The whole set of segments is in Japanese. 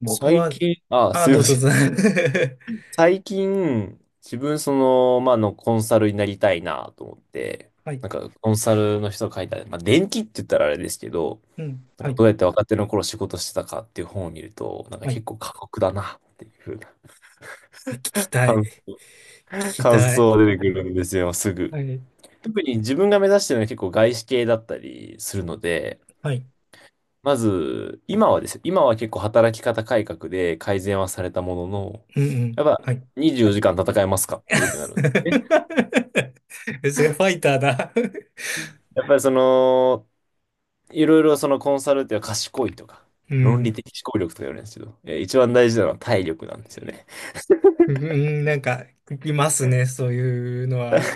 僕最は、近、あ、すいどまうぞ、せどうぞ。 ん。最近、自分、コンサルになりたいなと思って、はい、なんか、コンサルの人が書いた、まあ、電気って言ったらあれですけど、うん、なんはかい、どうやって若手の頃仕事してたかっていう本を見ると、なんかはい。結構過酷だなっていうふうな聞きたい。感、聞き感たい。想が出てくるんですよ、すぐ。はい、特に自分が目指してるのは結構外資系だったりするので、はい、まず、今はですよ。今は結構働き方改革で改善はされたものの、うん、うやん、っぱはい。24時間戦えますかっ てことになる。それファイターだ。 やっぱりその、いろいろそのコンサルっていうのは賢いとか、う論理ん、的思考力とか言われるんですけど、一番大事なのは体力なんですよね。うん、なんか、聞きますね。そういうのは、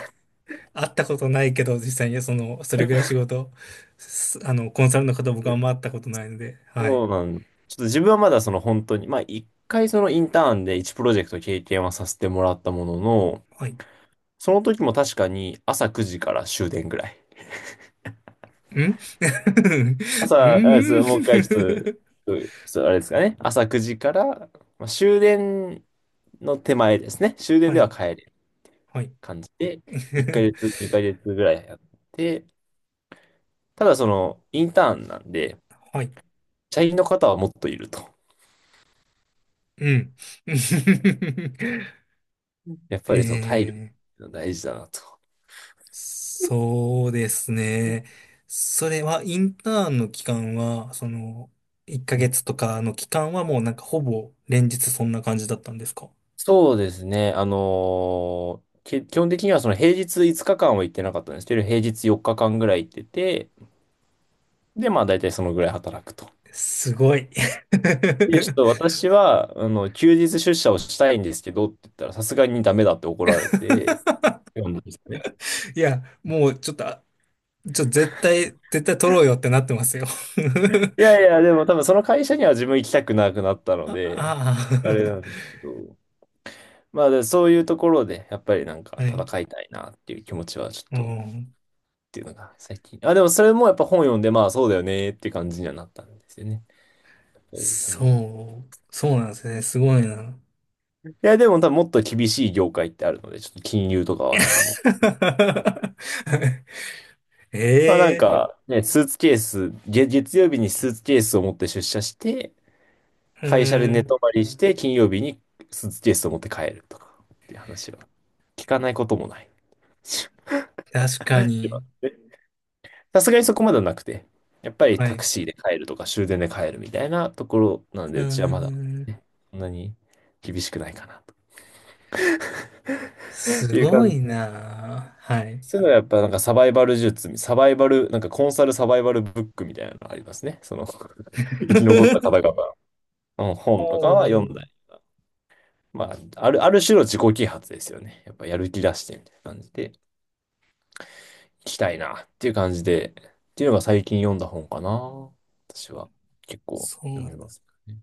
会ったことないけど、実際に、その、それぐらい仕事、すあの、コンサルの方、僕はあでんま会ったことないので、はそい、うなん、ちょっと自分はまだその本当に、まあ一回そのインターンで1プロジェクト経験はさせてもらったものの、はい。ん。 その時も確かに朝9時から終電ぐらい。う朝、あれですん。 もう一回ちょっと、うちょっとあれですかね。朝9時から、まあ、終電の手前ですね。終 電はではい、帰るはい。感じで、1 ヶ月、2ヶ月ぐらいやって、ただその、インターンなんで、はい。社員の方はもっといると。うん。やっぱえりその体力ー、が大事だなと。そうですね。それは、インターンの期間は、その、1うヶん、月とかの期間はもうなんかほぼ連日そんな感じだったんですか？そうですね。あのーけ基本的にはその平日5日間は行ってなかったんですけど、平日4日間ぐらい行ってて、で、まあ大体そのぐらい働くと。すごい。で、ちょっと私は、あの、休日出社をしたいんですけどって言ったら、さすがにダメだって怒られて、読んだんですかね。いや、もうちょっと、あちょ、絶対、絶対取ろうよってなってますよ。い やいや、でも多分その会社には自分行きたくなくなったのあ、で、あれなあんですけど、まあで、そういうところで、やっぱりなんかあ。 はい。戦いたいなっていう気持ちはちょっうと、ん。っていうのが最近。あ、でもそれもやっぱ本読んで、まあそうだよねっていう感じにはなったんですよね。やっぱりその、そうなんですね。すごいな。いや、でも多分もっと厳しい業界ってあるので、ちょっと金融とかは多分もっ、 まあなんええ、か、ね、スーツケース、月、月曜日にスーツケースを持って出社して、う会社で寝ん。泊まりして、金曜日にスーツケースを持って帰るとか、っていう話は聞かないこともない。確かに。え、さすがにそこまではなくて、やっぱりはタクい。シーで帰るとか終電で帰るみたいなところなんうで、うちはまだ、ん。ね、そんなに厳しくないかなとすいうご感いじ。なあ。はい。そういうのはやっぱなんかサバイバル術、サバイバル、なんかコンサルサバイバルブックみたいなのがありますね。その 生き残った方 々のお本とかはー、まあ、ある種の自己啓発ですよね。やっぱやる気出してみたいな感じで、行きたいなっていう感じで、っていうのが最近読んだ本かな。私は結構そう読なみんでますす。ね。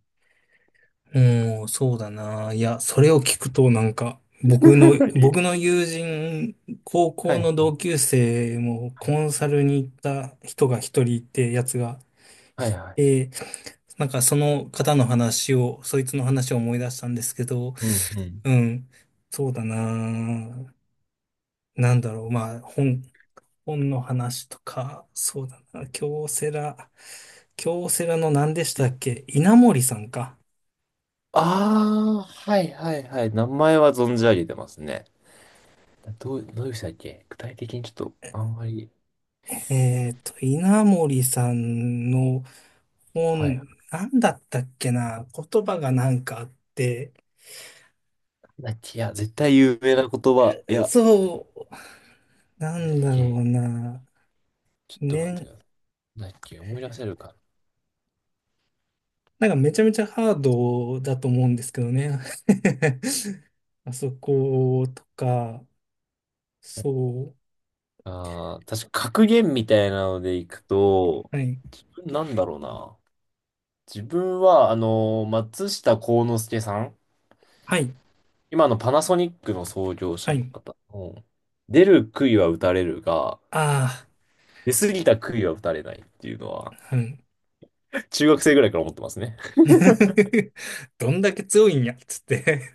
うん、そうだな。いや、それを聞くとなんか、僕の、僕 の友人、高は校い。の同級生もはい。コンサルに行った人が一人いて、やつがはいいはい。て、なんかその方の話を、そいつの話を思い出したんですけど、うんうん。うん。そうだな。なんだろう。まあ、本の話とか、そうだな。京セラの何でしうたん、っけ稲森さんか。ああ、はいはいはい。名前は存じ上げてますね。どういう人だっけ具体的にちょっと、あんまり。稲森さんのはい。な本、んなんだったっけな。言葉がなんかあって、だっけ、いや、絶対有名な言葉。いや、そう、ななんだっんだろけ、うな。ちょっと待ってね、ください。なんだっけ、思い出せるか。なんかめちゃめちゃハードだと思うんですけどね。あそことか、そう。ああ、確か格言みたいなのでいくと、はい。なんだろうな。自分は、あの、松下幸之助さん、はい。今のパナソニックの創業は者のい。方の、出る杭は打たれるが、あ出過ぎた杭は打たれないっていうのは、あ、うん。中学生ぐらいから思ってますね。どんだけ強いんや、つって。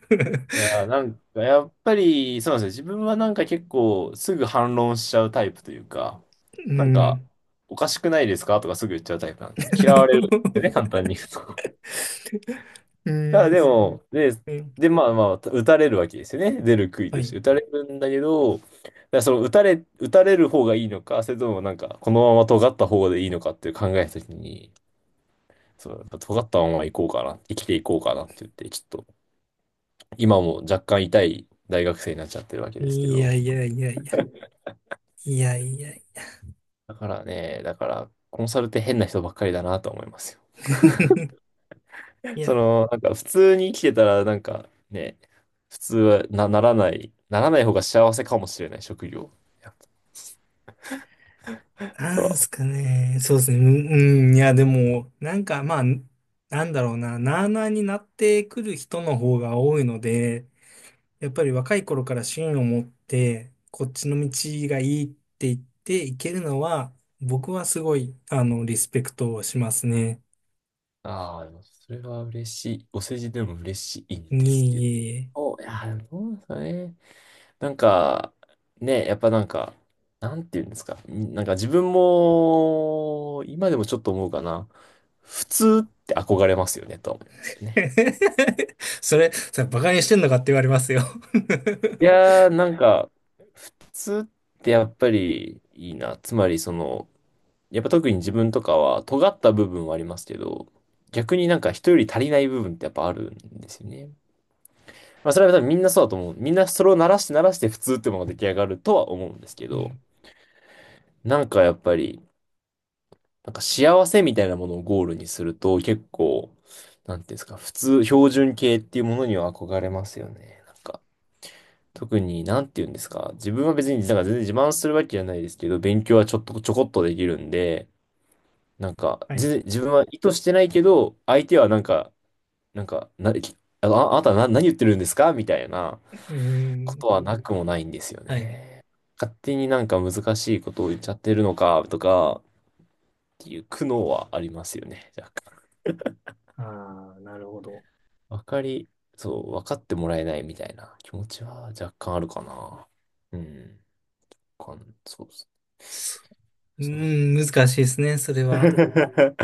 いやー、なんか、やっぱり、そうなんですよ。自分はなんか結構、すぐ反論しちゃうタイプというか、うなんか、ん。おかしくないですかとかすぐ言っちゃうタイプなんで、嫌われるんですよね、簡 単に言うと。うん、あ、でです。も、で、うん。で、まあまあ、打たれるわけですよね。出る杭はとしい。て。打たれるんだけど、だから打たれる方がいいのか、それともなんか、このまま尖った方でいいのかっていう考えたときに、そう、尖ったまま行こうかな、生きていこうかなって言って、ちょっと、今も若干痛い大学生になっちゃってるわけですけいど、やいやいやいや。いやいやいや。だからね、だから、コンサルって変な人ばっかりだなと思いますよ。いそや、の、なんか普通に生きてたら、なんかね、普通はな、ならない、ならない方が幸せかもしれない職業。やっぱとなんすは、かね。そうですね。うん、いや、でも、なんか、まあ、なんだろうな。なあなあになってくる人の方が多いので、やっぱり若い頃から芯を持って、こっちの道がいいって言っていけるのは、僕はすごい、リスペクトをしますね。ああ、でもそれは嬉しい。お世辞でも嬉しいんですけいど。えいお、いや、どうですかね。なんか、ね、やっぱなんか、なんて言うんですか。なんか自分も、今でもちょっと思うかな。普通って憧れますよね、とは思いますよね。え。それバカにしてんのかって言われますよ。 い やー、なんか、普通ってやっぱりいいな。つまり、その、やっぱ特に自分とかは尖った部分はありますけど、逆になんか人より足りない部分ってやっぱあるんですよね。まあそれは多分みんなそうだと思う。みんなそれを鳴らして鳴らして普通ってものが出来上がるとは思うんですけうど、ん。なんかやっぱり、なんか幸せみたいなものをゴールにすると結構、なんていうんですか、普通、標準形っていうものには憧れますよね。なんか、特になんていうんですか、自分は別になんか全然自慢するわけじゃないですけど、勉強はちょっとちょこっとできるんで、なんか、はい。全然自分は意図してないけど、相手はなんか、なんか、な、ああなたな、何言ってるんですかみたいなうーこん。とはなくもないんですよはい。ね。勝手になんか難しいことを言っちゃってるのかとかっていう苦悩はありますよね。若干。ああ、なるほど。わかり、そう、分かってもらえないみたいな気持ちは若干あるかな。うん。わかんそうですね。そう。そう。難しいですね、それは。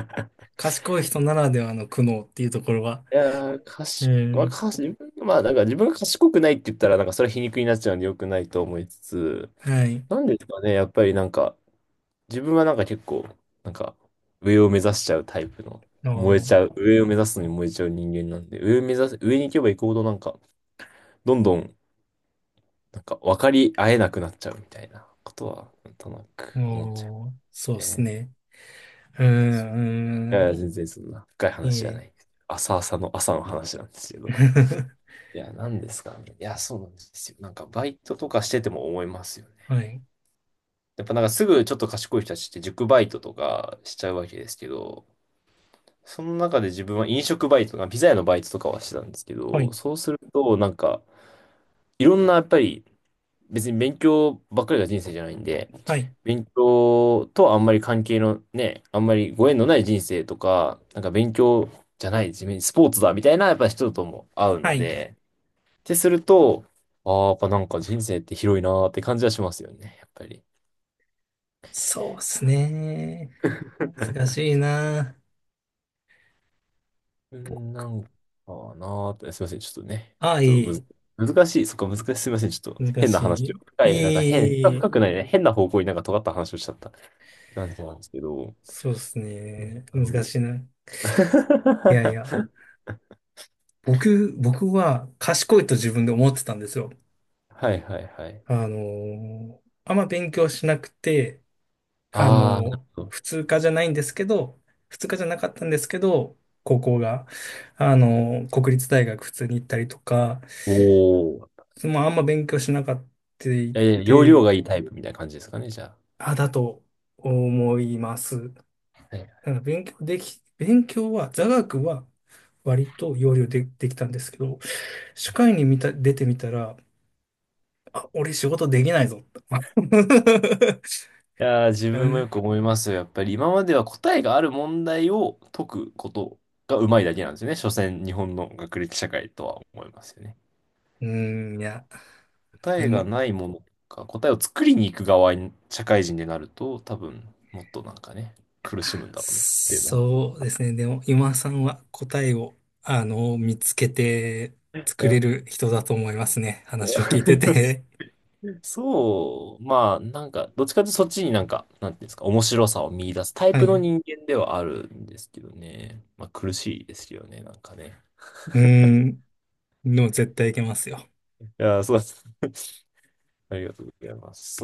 賢い人ならではの苦悩っていうところは。いやー、う賢まあ、ん。かし、自分、まあ、なんか自分が賢くないって言ったら、なんかそれは皮肉になっちゃうんで良くないと思いつつ、はい。なんですかね、やっぱりなんか、自分はなんか結構、なんか、上を目指しちゃうタイプの、燃えおー、ちゃう、上を目指すのに燃えちゃう人間なんで、上を目指す、上に行けば行くほどなんか、どんどん、なんか分かり合えなくなっちゃうみたいなことは、なんとなく思っちゃおー、うそうですね。ね。うーいやいや、ん、全然そんな深いい話いじゃなね。い。朝の話なんですけど。いや、なんですかね。いや、そうなんですよ。なんか、バイトとかしてても思いますよね。はい、やっぱなんかすぐちょっと賢い人たちって塾バイトとかしちゃうわけですけど、その中で自分は飲食バイトとか、ピザ屋のバイトとかはしてたんですけはど、い、そうすると、なんか、いろんなやっぱり、別に勉強ばっかりが人生じゃないんで、はい、勉強とはあんまり関係のね、あんまりご縁のない人生とか、なんか勉強じゃない、自分スポーツだみたいなやっぱ人とも会うはのい。で、てすると、ああ、やっぱなんか人生って広いなーって感じはしますよね、やっぱり。いそうでや すね。難しい な。うん、なんかなーって、すいません、ちょっとね、あ、ちょっといむい。ず、難しい、すいません、ちょっと難変な話を、し深い、なんか変、深い。いい。深くないね、変な方向になんか尖った話をしちゃった感じなんですけど、そうですうん、ね。あ難の しいな。い やいや。僕は賢いと自分で思ってたんですよ。はいはいはい。あんま勉強しなくて、ああ、なるほ普ど。通科じゃないんですけど、普通科じゃなかったんですけど、高校が、国立大学普通に行ったりとか、おー。まあ、あんま勉強しなかったいえー、容量て、がいいタイプみたいな感じですかね、じゃあ。あ、だと思います。はい、なんか勉強は、座学は割と要領で、できたんですけど、社会に見た、出てみたら、あ、俺仕事できないぞって。いやー、自う分もよん、く思いますよ。やっぱり今までは答えがある問題を解くことがうまいだけなんですよね。所詮、日本の学歴社会とは思いますよね。うん、いや、答でえがも、ないものか、答えを作りに行く側に社会人になると、多分、もっとなんかね、苦しむんだろうなっていうのは。そうですね。でも、今さんは答えを、見つけてい作れや る人だと思いますね。話を聞いてて。そう、まあ、なんか、どっちかというとそっちになんか、なんていうんですか、面白さを見出すタ イはプい。のう人間ではあるんですけどね。まあ、苦しいですよね、なんかね。ーん。でも絶対いけますよ。いやー、そうです。ありがとうございます。